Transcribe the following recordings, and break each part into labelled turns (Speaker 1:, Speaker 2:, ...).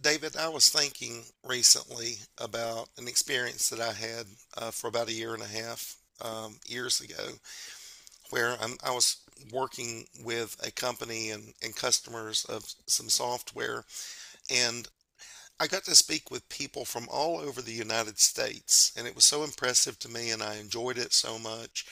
Speaker 1: David, I was thinking recently about an experience that I had for about a year and a half years ago, where I was working with a company and customers of some software, and I got to speak with people from all over the United States, and it was so impressive to me, and I enjoyed it so much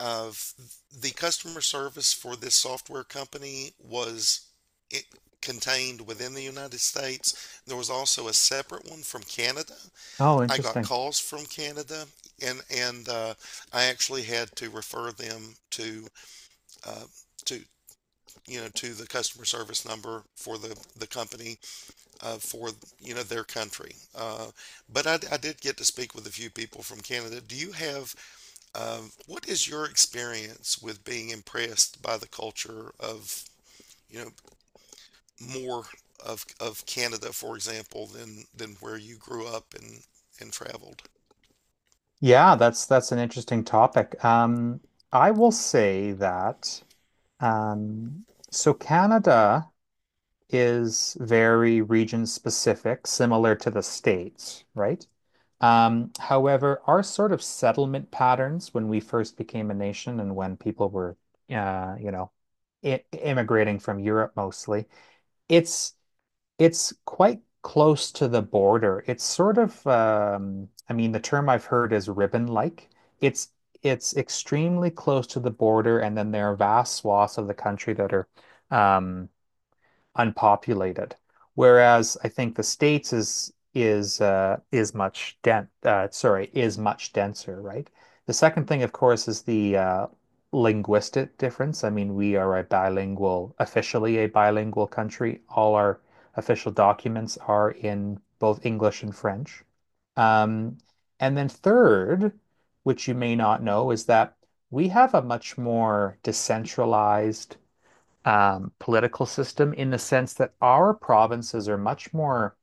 Speaker 1: of the customer service for this software company was it contained within the United States. There was also a separate one from Canada.
Speaker 2: Oh,
Speaker 1: I got
Speaker 2: interesting.
Speaker 1: calls from Canada, and I actually had to refer them to. Uh, to to the customer service number for the company for their country. But I did get to speak with a few people from Canada. Do you have what is your experience with being impressed by the culture of, you know, more of Canada, for example, than where you grew up and traveled?
Speaker 2: Yeah, that's an interesting topic. I will say that um, so Canada is very region specific, similar to the States, right? However, our sort of settlement patterns when we first became a nation and when people were, you know, I immigrating from Europe mostly, it's it's quite close to the border. It's sort of, I mean, the term I've heard is ribbon-like. It's it's extremely close to the border, and then there are vast swaths of the country that are um, unpopulated. Whereas I think the States is much den sorry is much denser, right? The second thing, of course, is the linguistic difference. I mean, we are a bilingual, officially a bilingual country. All our official documents are in both English and French. Um, and then third, which you may not know, is that we have a much more decentralized political system in the sense that our provinces are much more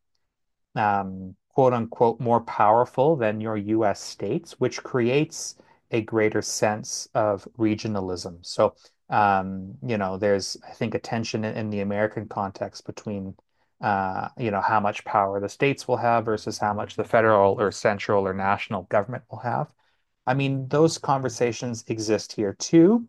Speaker 2: quote unquote more powerful than your US states, which creates a greater sense of regionalism. So, you know, there's, I think, a tension in the American context between, you know, how much power the states will have versus how much the federal or central or national government will have. I mean, those conversations exist here too,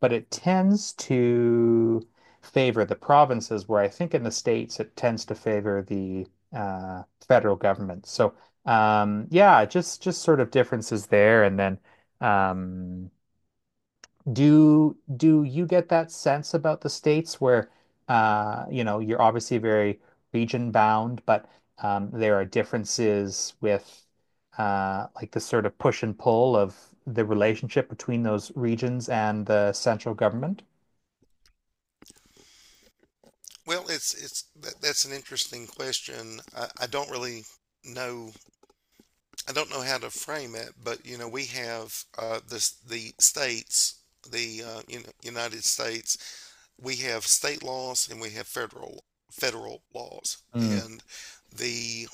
Speaker 2: but it tends to favor the provinces, where I think in the states it tends to favor the federal government. So, yeah, just sort of differences there, and then um, do you get that sense about the states where you know, you're obviously very region bound, but there are differences with like the sort of push and pull of the relationship between those regions and the central government?
Speaker 1: Well, it's that's an interesting question. I don't really know. I don't know how to frame it, but you know, we have this the states, the you know, United States. We have state laws and we have federal laws,
Speaker 2: Mm,
Speaker 1: and the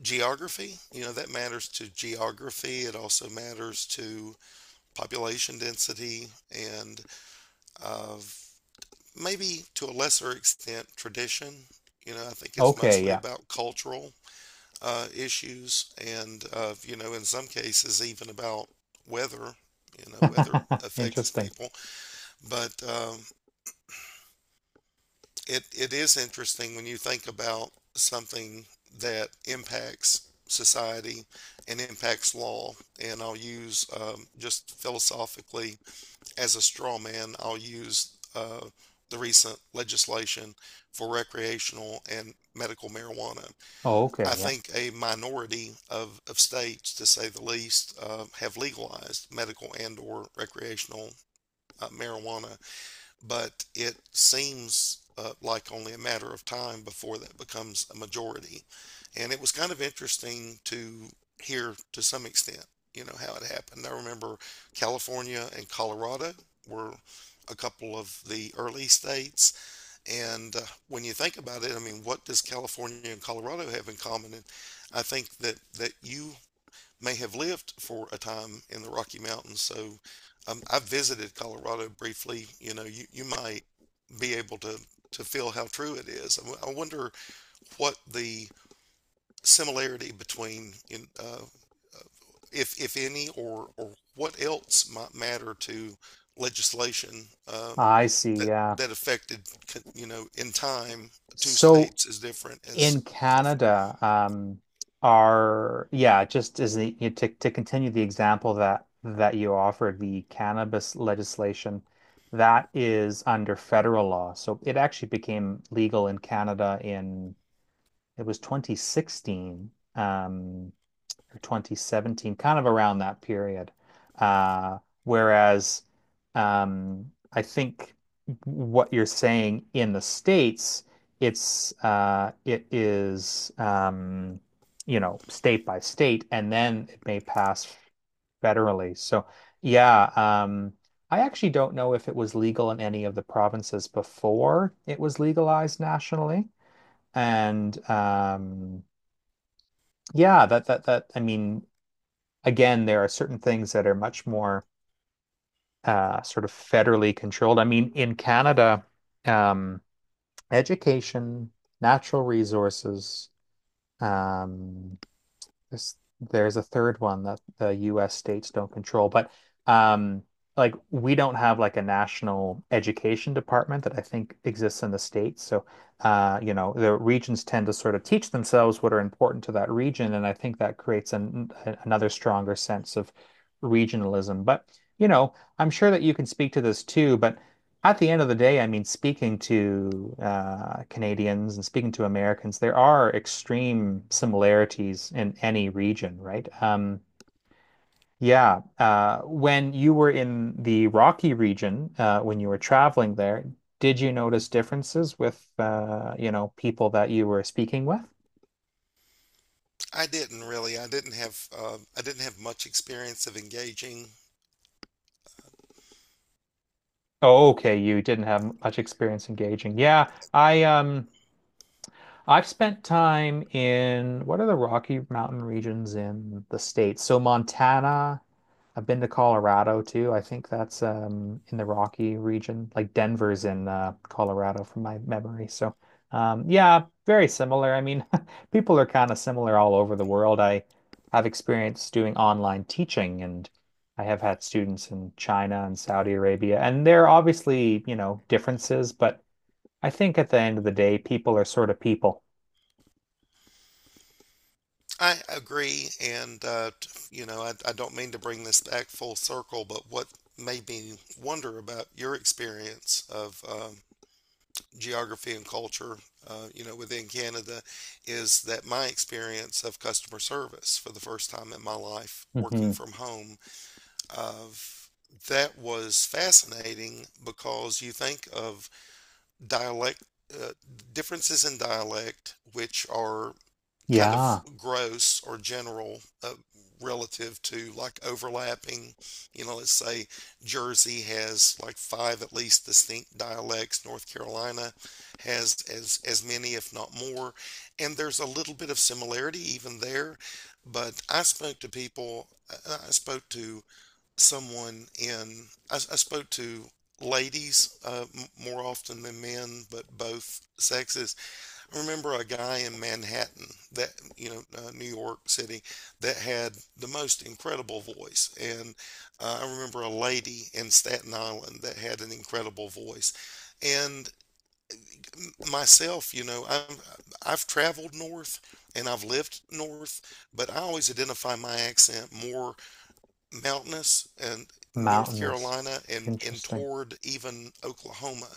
Speaker 1: geography. You know, that matters to geography. It also matters to population density and uh, maybe to a lesser extent tradition. You know, I think it's
Speaker 2: okay,
Speaker 1: mostly
Speaker 2: yeah.
Speaker 1: about cultural issues and, you know, in some cases, even about weather. You know, weather affects
Speaker 2: Interesting.
Speaker 1: people. But it is interesting when you think about something that impacts society and impacts law. And I'll use just philosophically, as a straw man, I'll use the recent legislation for recreational and medical marijuana.
Speaker 2: Oh,
Speaker 1: I
Speaker 2: okay, yeah.
Speaker 1: think a minority of states, to say the least, have legalized medical and or recreational marijuana, but it seems like only a matter of time before that becomes a majority. And it was kind of interesting to hear, to some extent, you know, how it happened. I remember California and Colorado were a couple of the early states. And when you think about it, I mean, what does California and Colorado have in common? And I think that, that you may have lived for a time in the Rocky Mountains. So I've visited Colorado briefly. You know, you might be able to feel how true it is. I wonder what the similarity between, if any, or what else might matter to legislation,
Speaker 2: I see.
Speaker 1: that,
Speaker 2: Yeah.
Speaker 1: that affected, you know, in time, two
Speaker 2: So
Speaker 1: states as different as
Speaker 2: in
Speaker 1: California.
Speaker 2: Canada, are yeah, just as the, you know, to continue the example that you offered, the cannabis legislation that is under federal law. So it actually became legal in Canada in it was 2016. Or 2017, kind of around that period. Uh, whereas um, I think what you're saying in the States, it's it is you know, state by state, and then it may pass federally. So yeah, I actually don't know if it was legal in any of the provinces before it was legalized nationally, and yeah, that that that I mean again, there are certain things that are much more sort of federally controlled. I mean, in Canada, um, education, natural resources, um, there's a third one that the US states don't control, but um like we don't have like a national education department that I think exists in the states. So you know, the regions tend to sort of teach themselves what are important to that region, and I think that creates an, another stronger sense of regionalism. But you know, I'm sure that you can speak to this too, but at the end of the day, I mean, speaking to Canadians and speaking to Americans, there are extreme similarities in any region, right? Yeah. When you were in the Rocky region, when you were traveling there, did you notice differences with, you know, people that you were speaking with?
Speaker 1: I didn't really. I didn't have much experience of engaging.
Speaker 2: Oh, okay. You didn't have much experience engaging. Yeah. I, I've spent time in what are the Rocky Mountain regions in the States? So Montana, I've been to Colorado too. I think that's in the Rocky region. Like Denver's in Colorado from my memory. So yeah, very similar. I mean, people are kind of similar all over the world. I have experience doing online teaching, and I have had students in China and Saudi Arabia, and there are obviously, you know, differences, but I think at the end of the day, people are sort of people.
Speaker 1: I agree, and you know, I don't mean to bring this back full circle, but what made me wonder about your experience of geography and culture, you know, within Canada, is that my experience of customer service for the first time in my life,
Speaker 2: Hmm.
Speaker 1: working from home, of that was fascinating because you think of dialect, uh, differences in dialect, which are kind of
Speaker 2: Yeah,
Speaker 1: gross or general, relative to like overlapping. You know, let's say Jersey has like five at least distinct dialects. North Carolina has as many, if not more, and there's a little bit of similarity even there. But I spoke to people. I spoke to someone in, I spoke to ladies, more often than men, but both sexes. I remember a guy in Manhattan that, you know, New York City, that had the most incredible voice. And I remember a lady in Staten Island that had an incredible voice. And myself, you know, I've traveled north and I've lived north, but I always identify my accent more mountainous and North
Speaker 2: mountainous.
Speaker 1: Carolina and
Speaker 2: Interesting.
Speaker 1: toward even Oklahoma.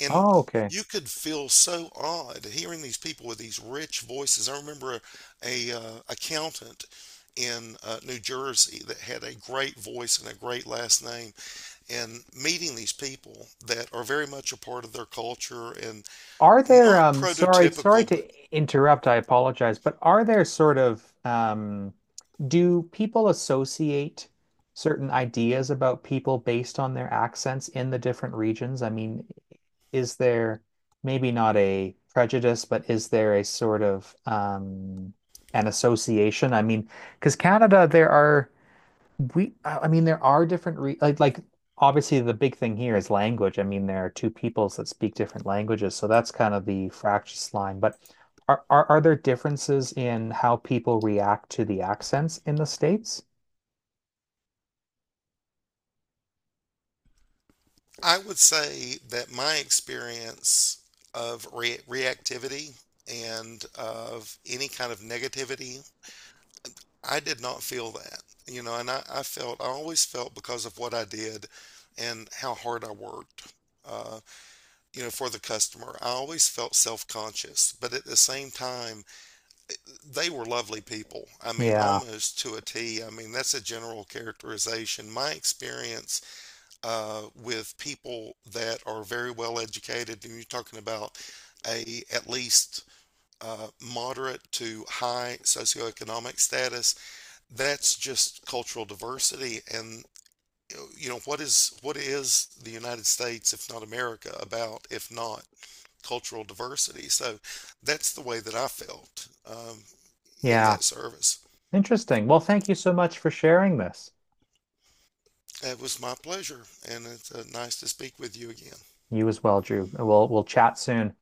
Speaker 1: And
Speaker 2: Oh, okay.
Speaker 1: you could feel so odd hearing these people with these rich voices. I remember a accountant in New Jersey that had a great voice and a great last name, and meeting these people that are very much a part of their culture and
Speaker 2: Are there
Speaker 1: not
Speaker 2: sorry, sorry
Speaker 1: prototypical, but
Speaker 2: to interrupt, I apologize, but are there sort of do people associate certain ideas about people based on their accents in the different regions? I mean, is there maybe not a prejudice, but is there a sort of an association? I mean, because Canada, there are I mean, there are different re like obviously the big thing here is language. I mean, there are two peoples that speak different languages, so that's kind of the fractious line. But are there differences in how people react to the accents in the States?
Speaker 1: I would say that my experience of reactivity and of any kind of negativity, I did not feel that, you know, and I felt, I always felt, because of what I did and how hard I worked, uh, you know, for the customer, I always felt self conscious. But at the same time, they were lovely people. I mean,
Speaker 2: Yeah,
Speaker 1: almost to a T. I mean, that's a general characterization. My experience with people that are very well educated, and you're talking about a at least uh, moderate to high socioeconomic status. That's just cultural diversity, and you know, what is, what is the United States, if not America, about if not cultural diversity? So that's the way that I felt, in
Speaker 2: yeah.
Speaker 1: that service.
Speaker 2: Interesting. Well, thank you so much for sharing this.
Speaker 1: It was my pleasure, and it's nice to speak with you again.
Speaker 2: You as well, Drew. We'll chat soon.